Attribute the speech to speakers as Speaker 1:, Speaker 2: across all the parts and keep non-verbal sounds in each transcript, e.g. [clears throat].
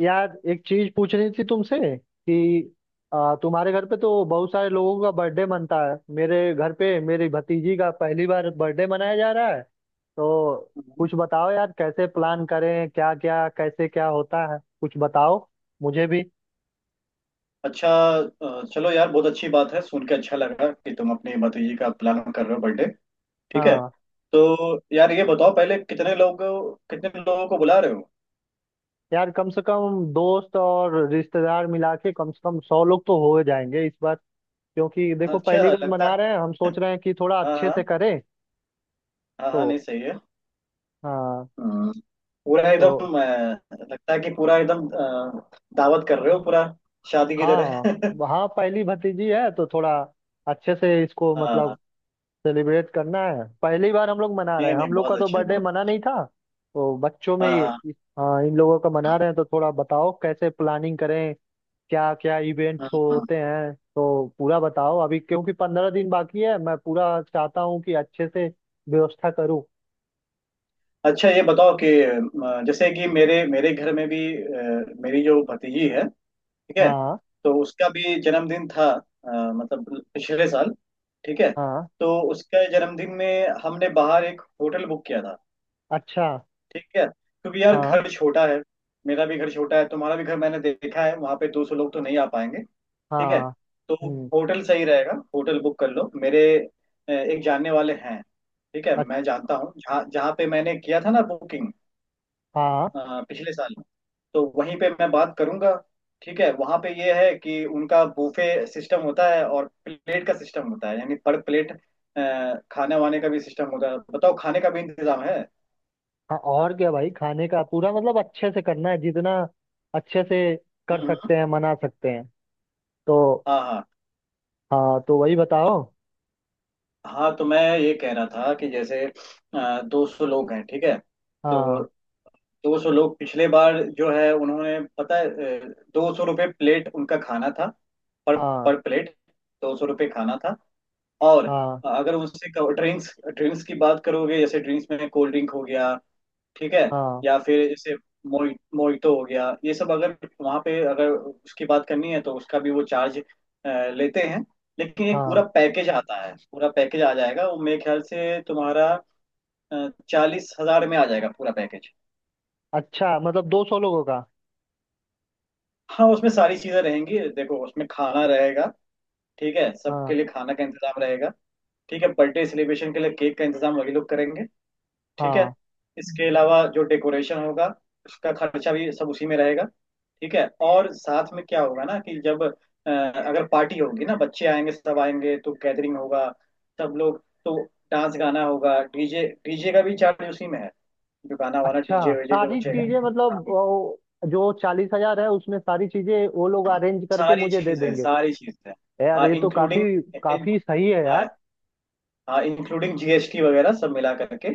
Speaker 1: यार एक चीज पूछनी थी तुमसे कि तुम्हारे घर पे तो बहुत सारे लोगों का बर्थडे मनता है। मेरे घर पे मेरी भतीजी का पहली बार बर्थडे मनाया जा रहा है, तो
Speaker 2: हम्म।
Speaker 1: कुछ बताओ यार। कैसे प्लान करें, क्या क्या कैसे क्या होता है, कुछ बताओ मुझे भी।
Speaker 2: अच्छा, चलो यार, बहुत अच्छी बात है, सुन के अच्छा लगा कि तुम अपनी भतीजी का प्लान कर रहे हो बर्थडे। ठीक है।
Speaker 1: हाँ,
Speaker 2: तो यार ये बताओ, पहले कितने लोग, कितने लोगों को बुला रहे हो?
Speaker 1: यार कम से कम दोस्त और रिश्तेदार मिला के कम से कम 100 लोग तो हो जाएंगे इस बार। क्योंकि देखो
Speaker 2: अच्छा
Speaker 1: पहली बार
Speaker 2: लगता
Speaker 1: मना
Speaker 2: है।
Speaker 1: रहे हैं, हम सोच रहे हैं कि थोड़ा
Speaker 2: हाँ
Speaker 1: अच्छे
Speaker 2: हाँ।
Speaker 1: से करें।
Speaker 2: हाँ हाँ, नहीं
Speaker 1: तो
Speaker 2: सही है।
Speaker 1: हाँ।
Speaker 2: हम्म, पूरा
Speaker 1: तो
Speaker 2: एकदम लगता है कि पूरा एकदम दावत कर रहे हो, पूरा शादी की तरह।
Speaker 1: हाँ
Speaker 2: [laughs]
Speaker 1: हाँ, पहली भतीजी है तो थोड़ा अच्छे से इसको मतलब
Speaker 2: हाँ,
Speaker 1: सेलिब्रेट करना है। पहली बार हम लोग मना रहे
Speaker 2: नहीं
Speaker 1: हैं,
Speaker 2: नहीं,
Speaker 1: हम लोग
Speaker 2: बहुत
Speaker 1: का तो
Speaker 2: अच्छा है,
Speaker 1: बर्थडे
Speaker 2: बहुत
Speaker 1: मना
Speaker 2: अच्छा।
Speaker 1: नहीं था। तो बच्चों में
Speaker 2: हाँ हाँ।
Speaker 1: हाँ इन लोगों का मना रहे हैं, तो थोड़ा बताओ कैसे प्लानिंग करें, क्या क्या
Speaker 2: हाँ
Speaker 1: इवेंट्स होते
Speaker 2: हाँ।
Speaker 1: हैं। तो पूरा बताओ अभी, क्योंकि 15 दिन बाकी है। मैं पूरा चाहता हूँ कि अच्छे से व्यवस्था करूँ।
Speaker 2: अच्छा, ये बताओ कि जैसे कि मेरे मेरे घर में भी मेरी जो भतीजी है, ठीक है,
Speaker 1: हाँ
Speaker 2: तो उसका भी जन्मदिन था, मतलब पिछले साल। ठीक है,
Speaker 1: हाँ,
Speaker 2: तो उसका जन्मदिन में हमने बाहर एक होटल बुक किया था।
Speaker 1: अच्छा,
Speaker 2: ठीक है, क्योंकि यार
Speaker 1: हाँ
Speaker 2: घर छोटा है। मेरा भी घर छोटा है, तुम्हारा भी घर मैंने देखा है, वहां पे 200 लोग तो नहीं आ पाएंगे। ठीक है।
Speaker 1: हाँ।
Speaker 2: तो
Speaker 1: हम्म,
Speaker 2: होटल सही रहेगा, होटल बुक कर लो। मेरे एक जानने वाले हैं, ठीक है, मैं जानता हूँ, जहाँ जहाँ पे मैंने किया था ना बुकिंग
Speaker 1: अच्छा।
Speaker 2: पिछले साल, तो वहीं पे मैं बात करूंगा। ठीक है, वहां पे ये है कि उनका बूफे सिस्टम होता है और प्लेट का सिस्टम होता है, यानी पर प्लेट खाने वाने का भी सिस्टम होता है। बताओ, खाने का भी इंतजाम है।
Speaker 1: हाँ, और क्या भाई, खाने का पूरा मतलब अच्छे से करना है, जितना अच्छे से कर
Speaker 2: हम्म,
Speaker 1: सकते हैं मना सकते हैं। तो
Speaker 2: हाँ हाँ।
Speaker 1: हाँ, तो वही बताओ।
Speaker 2: हाँ, तो मैं ये कह रहा था कि जैसे 200 लोग हैं, ठीक है? तो
Speaker 1: हाँ
Speaker 2: 200 लोग पिछले बार जो है उन्होंने, पता है, ₹200 प्लेट उनका खाना था। पर
Speaker 1: हाँ
Speaker 2: पर प्लेट ₹200 खाना था। और
Speaker 1: हाँ
Speaker 2: अगर उससे ड्रिंक्स ड्रिंक्स की बात करोगे, जैसे ड्रिंक्स में कोल्ड ड्रिंक हो गया, ठीक है,
Speaker 1: हाँ
Speaker 2: या फिर जैसे मोइटो हो गया, ये सब अगर वहाँ पे, अगर उसकी बात करनी है तो उसका भी वो चार्ज लेते हैं। लेकिन एक पूरा
Speaker 1: हाँ।
Speaker 2: पैकेज आता है, पूरा पैकेज आ जाएगा वो, मेरे ख्याल से तुम्हारा 40,000 में आ जाएगा पूरा पैकेज।
Speaker 1: अच्छा, मतलब 200 लोगों का?
Speaker 2: हाँ, उसमें सारी चीजें रहेंगी। देखो, उसमें खाना रहेगा, ठीक है, सबके
Speaker 1: हाँ
Speaker 2: लिए खाना का इंतजाम रहेगा। ठीक है, बर्थडे सेलिब्रेशन के लिए केक का इंतजाम वही लोग करेंगे। ठीक है,
Speaker 1: हाँ।
Speaker 2: इसके अलावा जो डेकोरेशन होगा, उसका खर्चा भी सब उसी में रहेगा। ठीक है, और साथ में क्या होगा ना कि जब अगर पार्टी होगी ना, बच्चे आएंगे, सब आएंगे, तो गैदरिंग होगा सब लोग, तो डांस गाना होगा, डीजे डीजे का भी चार्ज उसी में है। जो गाना वाना, डीजे
Speaker 1: अच्छा,
Speaker 2: वीजे जो
Speaker 1: सारी
Speaker 2: बचेगा।
Speaker 1: चीजें मतलब वो, जो 40,000 है उसमें सारी चीजें वो लोग
Speaker 2: हाँ,
Speaker 1: अरेंज करके
Speaker 2: सारी
Speaker 1: मुझे दे
Speaker 2: चीज है,
Speaker 1: देंगे?
Speaker 2: सारी चीज है।
Speaker 1: यार
Speaker 2: हाँ,
Speaker 1: ये तो
Speaker 2: इंक्लूडिंग,
Speaker 1: काफी काफी सही है यार।
Speaker 2: हाँ, इंक्लूडिंग जीएसटी वगैरह सब मिला करके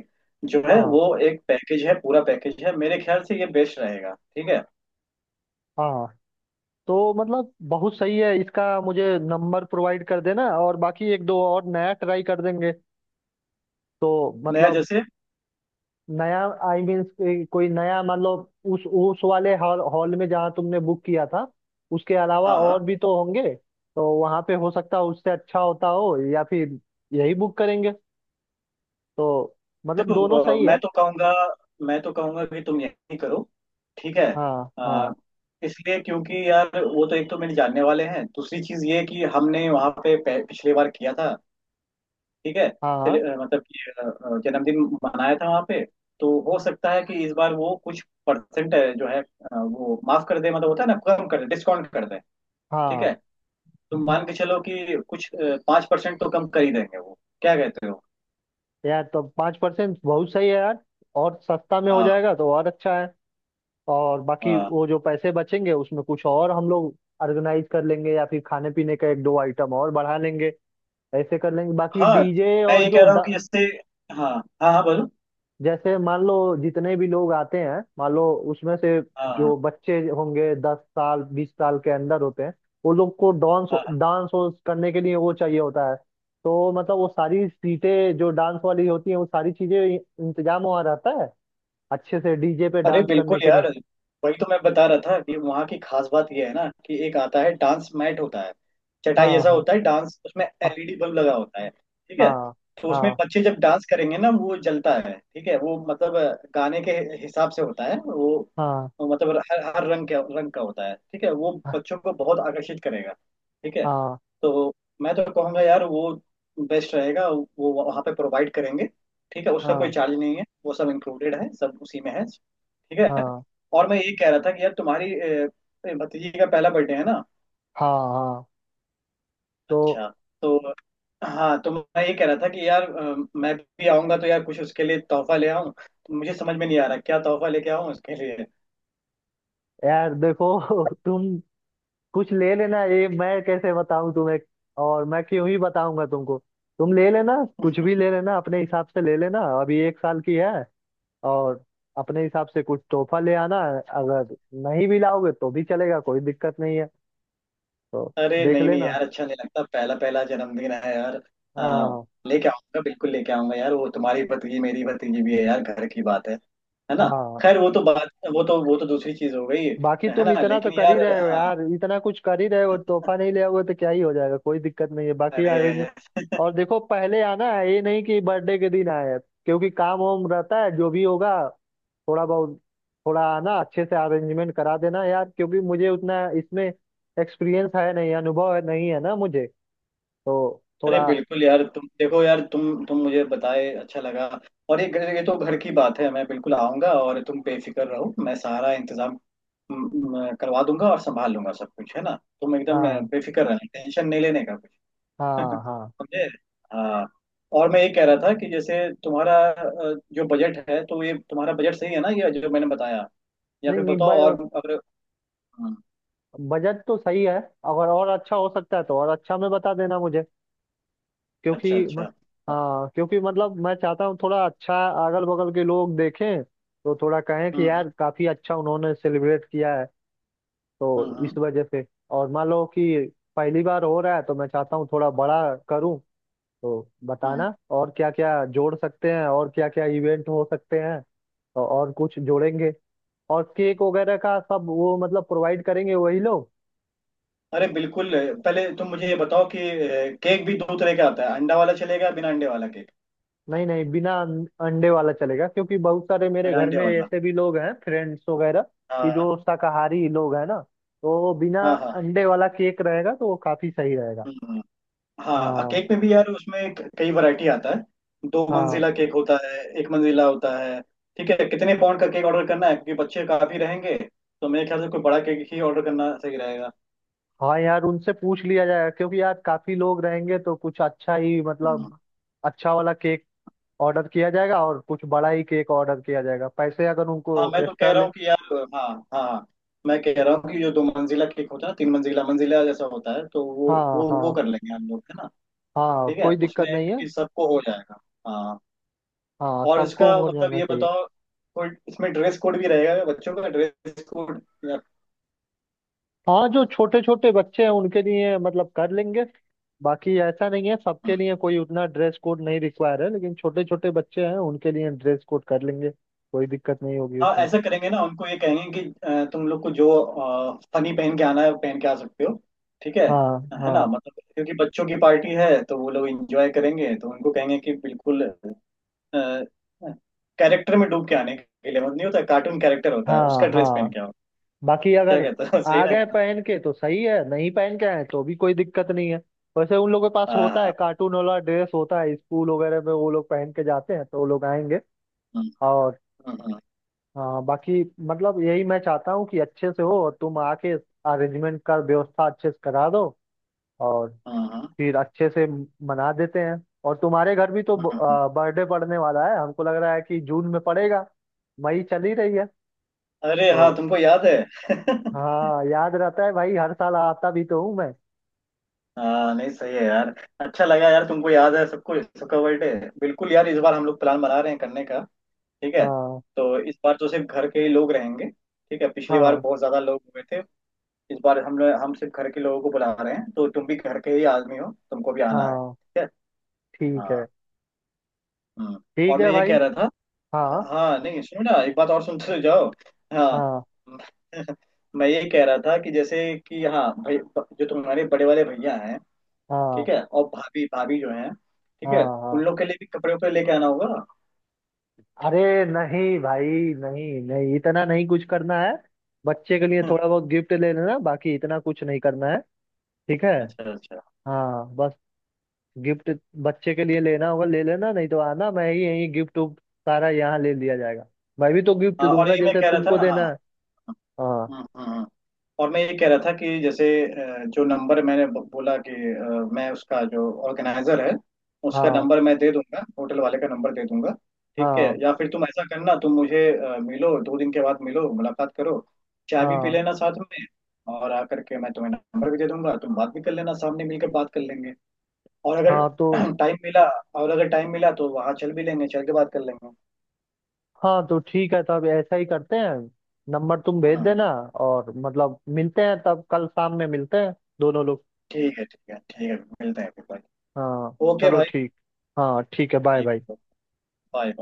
Speaker 2: जो है
Speaker 1: हाँ
Speaker 2: वो एक पैकेज है, पूरा पैकेज है, मेरे ख्याल से ये बेस्ट रहेगा। ठीक है?
Speaker 1: हाँ। तो मतलब बहुत सही है, इसका मुझे नंबर प्रोवाइड कर देना, और बाकी एक दो और नया ट्राई कर देंगे। तो
Speaker 2: नया
Speaker 1: मतलब
Speaker 2: जैसे?
Speaker 1: नया, आई मीन कोई नया, मतलब उस वाले हॉल हॉल में जहाँ तुमने बुक किया था उसके अलावा
Speaker 2: हाँ
Speaker 1: और
Speaker 2: हाँ।
Speaker 1: भी तो होंगे। तो वहाँ पे हो सकता है उससे अच्छा होता हो, या फिर यही बुक करेंगे। तो मतलब दोनों
Speaker 2: देखो
Speaker 1: सही
Speaker 2: मैं
Speaker 1: है।
Speaker 2: तो कहूँगा, मैं तो कहूँगा कि तुम यही करो। ठीक है,
Speaker 1: हाँ
Speaker 2: अ,
Speaker 1: हाँ
Speaker 2: इसलिए क्योंकि यार वो तो, एक तो मेरे जानने वाले हैं, दूसरी चीज ये है कि हमने वहाँ पे पिछले बार किया था, ठीक है,
Speaker 1: हाँ हाँ
Speaker 2: मतलब कि जन्मदिन मनाया था वहाँ पे। तो हो सकता है कि इस बार वो कुछ परसेंट जो है वो माफ कर दे, मतलब होता है ना, कम कर दे, डिस्काउंट कर दे। ठीक
Speaker 1: हाँ,
Speaker 2: है, तुम मान के चलो कि कुछ 5% तो कम कर ही देंगे वो। क्या कहते हो?
Speaker 1: यार तो 5% बहुत सही है यार। और सस्ता में हो
Speaker 2: हाँ
Speaker 1: जाएगा तो और अच्छा है। और बाकी
Speaker 2: हाँ।
Speaker 1: वो जो पैसे बचेंगे उसमें कुछ और हम लोग ऑर्गेनाइज कर लेंगे, या फिर खाने पीने का एक दो आइटम और बढ़ा लेंगे। ऐसे कर लेंगे, बाकी
Speaker 2: हाँ,
Speaker 1: डीजे
Speaker 2: मैं
Speaker 1: और
Speaker 2: ये
Speaker 1: जो
Speaker 2: कह रहा हूँ कि जैसे, हाँ हाँ, हाँ बोलो।
Speaker 1: जैसे मान लो, जितने भी लोग आते हैं मान लो उसमें से
Speaker 2: हाँ हाँ।
Speaker 1: जो बच्चे होंगे 10 साल 20 साल के अंदर होते हैं, वो लोग को डांस
Speaker 2: हाँ हाँ।
Speaker 1: डांस करने के लिए वो चाहिए होता है। तो मतलब वो सारी सीटें जो डांस वाली होती हैं वो सारी चीजें इंतजाम वहाँ रहता है, अच्छे से डीजे पे
Speaker 2: अरे
Speaker 1: डांस
Speaker 2: बिल्कुल
Speaker 1: करने के लिए।
Speaker 2: यार, वही तो मैं बता रहा था कि वहाँ की खास बात ये है ना कि एक आता है डांस मैट होता है, चटाई
Speaker 1: हाँ
Speaker 2: ऐसा
Speaker 1: हाँ
Speaker 2: होता है डांस, उसमें एलईडी बल्ब लगा होता है। ठीक है,
Speaker 1: हाँ
Speaker 2: तो
Speaker 1: हाँ
Speaker 2: उसमें
Speaker 1: हाँ।
Speaker 2: बच्चे जब डांस करेंगे ना वो जलता है। ठीक है, वो मतलब गाने के हिसाब से होता है वो,
Speaker 1: हाँ
Speaker 2: मतलब हर हर रंग के रंग का होता है। ठीक है, वो
Speaker 1: हाँ
Speaker 2: बच्चों को बहुत आकर्षित करेगा। ठीक है। तो मैं तो कहूँगा यार वो बेस्ट रहेगा, वो वहाँ पे प्रोवाइड करेंगे। ठीक है, उसका कोई
Speaker 1: हाँ
Speaker 2: चार्ज नहीं है, वो सब इंक्लूडेड है, सब उसी में है। ठीक है।
Speaker 1: हाँ
Speaker 2: और मैं ये कह रहा था कि यार, तुम्हारी भतीजी का पहला बर्थडे है ना।
Speaker 1: हाँ हाँ। तो
Speaker 2: अच्छा। तो, हाँ, तो मैं ये कह रहा था कि यार मैं भी आऊँगा तो यार कुछ उसके लिए तोहफा ले आऊँ, तो मुझे समझ में नहीं आ रहा क्या तोहफा लेके आऊँ उसके लिए।
Speaker 1: यार देखो [laughs] तुम कुछ ले लेना, ये मैं कैसे बताऊं तुम्हें, और मैं क्यों ही बताऊंगा तुमको। तुम ले लेना, कुछ भी ले लेना अपने हिसाब से ले लेना, अभी एक साल की है। और अपने हिसाब से कुछ तोहफा ले आना। अगर नहीं भी लाओगे तो भी चलेगा, कोई दिक्कत नहीं है। तो
Speaker 2: अरे
Speaker 1: देख
Speaker 2: नहीं नहीं
Speaker 1: लेना।
Speaker 2: यार, अच्छा नहीं लगता, पहला पहला जन्मदिन है यार। आ,
Speaker 1: हाँ
Speaker 2: लेके आऊंगा, बिल्कुल लेके आऊंगा यार, वो तुम्हारी भतीजी मेरी भतीजी भी है यार, घर की बात है ना।
Speaker 1: हाँ,
Speaker 2: खैर, वो तो बात, वो तो, दूसरी चीज हो गई।
Speaker 1: बाकी
Speaker 2: है
Speaker 1: तुम
Speaker 2: ना,
Speaker 1: इतना तो
Speaker 2: लेकिन
Speaker 1: कर ही
Speaker 2: यार,
Speaker 1: रहे हो
Speaker 2: हाँ।
Speaker 1: यार, इतना कुछ कर ही रहे हो, तोहफा नहीं ले आओगे तो क्या ही हो जाएगा, कोई दिक्कत नहीं है। बाकी अरेंज,
Speaker 2: अरे,
Speaker 1: और देखो पहले आना है, ये नहीं कि बर्थडे के दिन आए। क्योंकि काम वाम रहता है, जो भी होगा थोड़ा बहुत। थोड़ा आना अच्छे से अरेंजमेंट करा देना यार, क्योंकि मुझे उतना इसमें एक्सपीरियंस है नहीं, अनुभव है नहीं, है ना मुझे। तो
Speaker 2: अरे
Speaker 1: थोड़ा।
Speaker 2: बिल्कुल यार, तुम देखो यार, तुम मुझे बताए, अच्छा लगा। और ये ये तो घर की बात है, मैं बिल्कुल आऊंगा, और तुम बेफिक्र रहो, मैं सारा इंतजाम म, म, करवा दूंगा और संभाल लूंगा सब कुछ, है ना। तुम एकदम
Speaker 1: हाँ
Speaker 2: बेफिक्र रहना, टेंशन नहीं लेने का।
Speaker 1: हाँ
Speaker 2: [laughs]
Speaker 1: हाँ।
Speaker 2: समझे? हाँ, और मैं ये कह रहा था कि जैसे, तुम्हारा जो बजट है, तो ये तुम्हारा बजट सही है ना ये जो मैंने बताया? या
Speaker 1: नहीं
Speaker 2: फिर
Speaker 1: नहीं,
Speaker 2: बताओ और अगर, हम्म,
Speaker 1: बजट तो सही है, अगर और अच्छा हो सकता है तो और अच्छा में बता देना मुझे।
Speaker 2: अच्छा
Speaker 1: क्योंकि मत,
Speaker 2: अच्छा।
Speaker 1: हाँ, क्योंकि मतलब मैं चाहता हूँ थोड़ा अच्छा। अगल बगल के लोग देखें तो थोड़ा कहें कि
Speaker 2: हम्म
Speaker 1: यार काफी अच्छा उन्होंने सेलिब्रेट किया है। तो
Speaker 2: हम्म,
Speaker 1: इस
Speaker 2: हम्म।
Speaker 1: वजह से, और मान लो कि पहली बार हो रहा है, तो मैं चाहता हूँ थोड़ा बड़ा करूँ। तो
Speaker 2: हम्म।
Speaker 1: बताना और क्या क्या जोड़ सकते हैं और क्या क्या इवेंट हो सकते हैं। तो और कुछ जोड़ेंगे। और केक वगैरह का सब वो मतलब प्रोवाइड करेंगे वही लोग?
Speaker 2: अरे बिल्कुल, पहले तुम मुझे ये बताओ कि केक भी दो तरह का आता है, अंडा वाला चलेगा, बिना अंडे वाला केक?
Speaker 1: नहीं नहीं, बिना अंडे वाला चलेगा, क्योंकि बहुत सारे मेरे
Speaker 2: बिना
Speaker 1: घर
Speaker 2: अंडे
Speaker 1: में
Speaker 2: वाला।
Speaker 1: ऐसे भी लोग हैं, फ्रेंड्स वगैरह कि
Speaker 2: हाँ
Speaker 1: जो शाकाहारी लोग हैं ना। तो बिना
Speaker 2: हाँ। हाँ हाँ।
Speaker 1: अंडे वाला केक रहेगा तो वो काफी सही रहेगा।
Speaker 2: हम्म। हाँ,
Speaker 1: हाँ
Speaker 2: केक में भी यार उसमें कई वैरायटी आता है, दो
Speaker 1: हाँ।
Speaker 2: मंजिला केक होता है, एक मंजिला होता है। ठीक है, कितने पाउंड का केक ऑर्डर करना है, क्योंकि बच्चे काफी रहेंगे, तो मेरे ख्याल से कोई बड़ा केक ही ऑर्डर करना सही रहेगा।
Speaker 1: हाँ यार, उनसे पूछ लिया जाएगा, क्योंकि यार काफी लोग रहेंगे तो कुछ अच्छा ही
Speaker 2: हम्म।
Speaker 1: मतलब अच्छा वाला केक ऑर्डर किया जाएगा, और कुछ बड़ा ही केक ऑर्डर किया जाएगा, पैसे अगर उनको
Speaker 2: हाँ, मैं तो कह
Speaker 1: एक्स्ट्रा
Speaker 2: रहा
Speaker 1: ले।
Speaker 2: हूँ कि यार, हाँ हाँ हाँ, मैं कह रहा हूँ कि जो दो मंजिला केक होता है ना, तीन मंजिला मंजिला जैसा होता है, तो
Speaker 1: हाँ
Speaker 2: वो
Speaker 1: हाँ।
Speaker 2: कर लेंगे हम लोग, है ना।
Speaker 1: हाँ,
Speaker 2: ठीक है,
Speaker 1: कोई
Speaker 2: उसमें
Speaker 1: दिक्कत नहीं है।
Speaker 2: कि सबको हो जाएगा। हाँ,
Speaker 1: हाँ,
Speaker 2: और इसका
Speaker 1: सबको हो
Speaker 2: मतलब
Speaker 1: जाना
Speaker 2: ये
Speaker 1: चाहिए।
Speaker 2: बताओ, कोई इसमें ड्रेस कोड भी रहेगा, बच्चों का ड्रेस कोड?
Speaker 1: हाँ, जो छोटे छोटे बच्चे हैं उनके लिए मतलब कर लेंगे। बाकी ऐसा नहीं है सबके लिए कोई उतना ड्रेस कोड नहीं रिक्वायर है, लेकिन छोटे छोटे बच्चे हैं उनके लिए ड्रेस कोड कर लेंगे, कोई दिक्कत नहीं होगी
Speaker 2: हाँ,
Speaker 1: उसमें।
Speaker 2: ऐसा करेंगे ना, उनको ये कहेंगे कि तुम लोग को जो फनी पहन के आना है वो पहन के आ सकते हो। ठीक है
Speaker 1: हाँ
Speaker 2: है ना,
Speaker 1: हाँ।
Speaker 2: मतलब क्योंकि बच्चों की पार्टी है तो वो लोग एंजॉय करेंगे, तो उनको कहेंगे कि बिल्कुल कैरेक्टर में डूब के आने के लिए, मतलब नहीं होता, कार्टून कैरेक्टर होता है, उसका
Speaker 1: हाँ
Speaker 2: ड्रेस पहन
Speaker 1: हाँ।
Speaker 2: के आओ।
Speaker 1: बाकी
Speaker 2: क्या
Speaker 1: अगर
Speaker 2: कहते हो? [laughs] सही
Speaker 1: आ
Speaker 2: रहेगा
Speaker 1: गए
Speaker 2: ना?
Speaker 1: पहन के तो सही है, नहीं पहन के आए तो भी कोई दिक्कत नहीं है। वैसे उन लोगों के पास
Speaker 2: हाँ
Speaker 1: होता है,
Speaker 2: हाँ।
Speaker 1: कार्टून वाला ड्रेस होता है, स्कूल वगैरह में वो लोग पहन के जाते हैं, तो वो लोग आएंगे। और
Speaker 2: हाँ हाँ।
Speaker 1: हाँ, बाकी मतलब यही मैं चाहता हूँ कि अच्छे से हो, और तुम आके अरेंजमेंट का व्यवस्था अच्छे से करा दो। और
Speaker 2: हाँ हाँ, हाँ,
Speaker 1: फिर अच्छे से मना देते हैं। और तुम्हारे घर भी तो
Speaker 2: हाँ। हाँ।
Speaker 1: बर्थडे पड़ने वाला है, हमको लग रहा है कि जून में पड़ेगा, मई चल ही रही है।
Speaker 2: अरे हाँ,
Speaker 1: तो
Speaker 2: तुमको याद है? [laughs]
Speaker 1: हाँ, याद रहता है भाई, हर साल आता भी तो हूँ मैं।
Speaker 2: हाँ, नहीं सही है यार, अच्छा लगा यार तुमको याद है सबको सबका बर्थडे। बिल्कुल यार, इस बार हम लोग प्लान बना रहे हैं करने का। ठीक है,
Speaker 1: हाँ
Speaker 2: तो इस बार तो सिर्फ घर के ही लोग रहेंगे। ठीक है, पिछली बार
Speaker 1: हाँ
Speaker 2: बहुत ज्यादा लोग हुए थे, इस बार हम सिर्फ घर के लोगों को बुला रहे हैं, तो तुम भी घर के ही आदमी हो, तुमको भी आना है।
Speaker 1: हाँ।
Speaker 2: ठीक है।
Speaker 1: ठीक
Speaker 2: हाँ।
Speaker 1: है।
Speaker 2: हम्म और
Speaker 1: ठीक
Speaker 2: मैं
Speaker 1: है
Speaker 2: ये कह
Speaker 1: भाई।
Speaker 2: रहा था,
Speaker 1: हाँ
Speaker 2: हाँ, नहीं सुनो ना, एक बात और सुनते जाओ। हाँ।
Speaker 1: हाँ
Speaker 2: [laughs] मैं ये कह रहा था कि जैसे, कि हाँ भाई, जो तुम्हारे बड़े वाले भैया हैं, ठीक
Speaker 1: हाँ
Speaker 2: है, और भाभी, जो हैं, ठीक
Speaker 1: हाँ
Speaker 2: है, उन
Speaker 1: हाँ।
Speaker 2: लोग के लिए भी कपड़े वपड़े लेके आना होगा।
Speaker 1: अरे नहीं भाई, नहीं नहीं, इतना नहीं कुछ करना है। बच्चे के लिए थोड़ा
Speaker 2: [laughs]
Speaker 1: बहुत गिफ्ट ले लेना, बाकी इतना कुछ नहीं करना है। ठीक है।
Speaker 2: अच्छा अच्छा।
Speaker 1: हाँ, बस गिफ्ट बच्चे के लिए लेना होगा, ले लेना। नहीं तो आना, मैं ही यही गिफ्ट उफ्ट सारा यहाँ ले लिया जाएगा। मैं भी तो गिफ्ट
Speaker 2: हाँ, और
Speaker 1: दूंगा
Speaker 2: ये मैं
Speaker 1: जैसे
Speaker 2: कह रहा
Speaker 1: तुमको
Speaker 2: था,
Speaker 1: देना है।
Speaker 2: हाँ
Speaker 1: हाँ
Speaker 2: हाँ। हाँ। हाँ। और मैं ये कह रहा था कि जैसे जो नंबर मैंने बोला कि मैं उसका, जो ऑर्गेनाइजर है उसका
Speaker 1: हाँ
Speaker 2: नंबर मैं दे दूंगा, होटल वाले का नंबर दे दूंगा। ठीक है,
Speaker 1: हाँ
Speaker 2: या फिर तुम ऐसा करना, तुम मुझे मिलो, 2 दिन के बाद मिलो, मुलाकात करो, चाय भी पी
Speaker 1: हाँ
Speaker 2: लेना साथ में, और आकर के मैं तुम्हें नंबर भी दे दूंगा, तुम बात भी कर लेना, सामने मिलकर बात कर लेंगे। और अगर
Speaker 1: हाँ। तो
Speaker 2: [clears throat] टाइम मिला, और अगर टाइम मिला तो वहां चल भी लेंगे, चल के बात कर लेंगे।
Speaker 1: हाँ, तो ठीक है, तब ऐसा ही करते हैं। नंबर तुम
Speaker 2: हाँ
Speaker 1: भेज
Speaker 2: हाँ।
Speaker 1: देना।
Speaker 2: हाँ।
Speaker 1: और मतलब मिलते हैं तब, कल शाम में मिलते हैं, दोनों लोग।
Speaker 2: ठीक है, ठीक है, ठीक है, मिलते हैं फिर भाई।
Speaker 1: हाँ
Speaker 2: ओके
Speaker 1: चलो
Speaker 2: भाई।
Speaker 1: ठीक। हाँ ठीक है, बाय
Speaker 2: ठीक
Speaker 1: बाय।
Speaker 2: है, बाय बाय।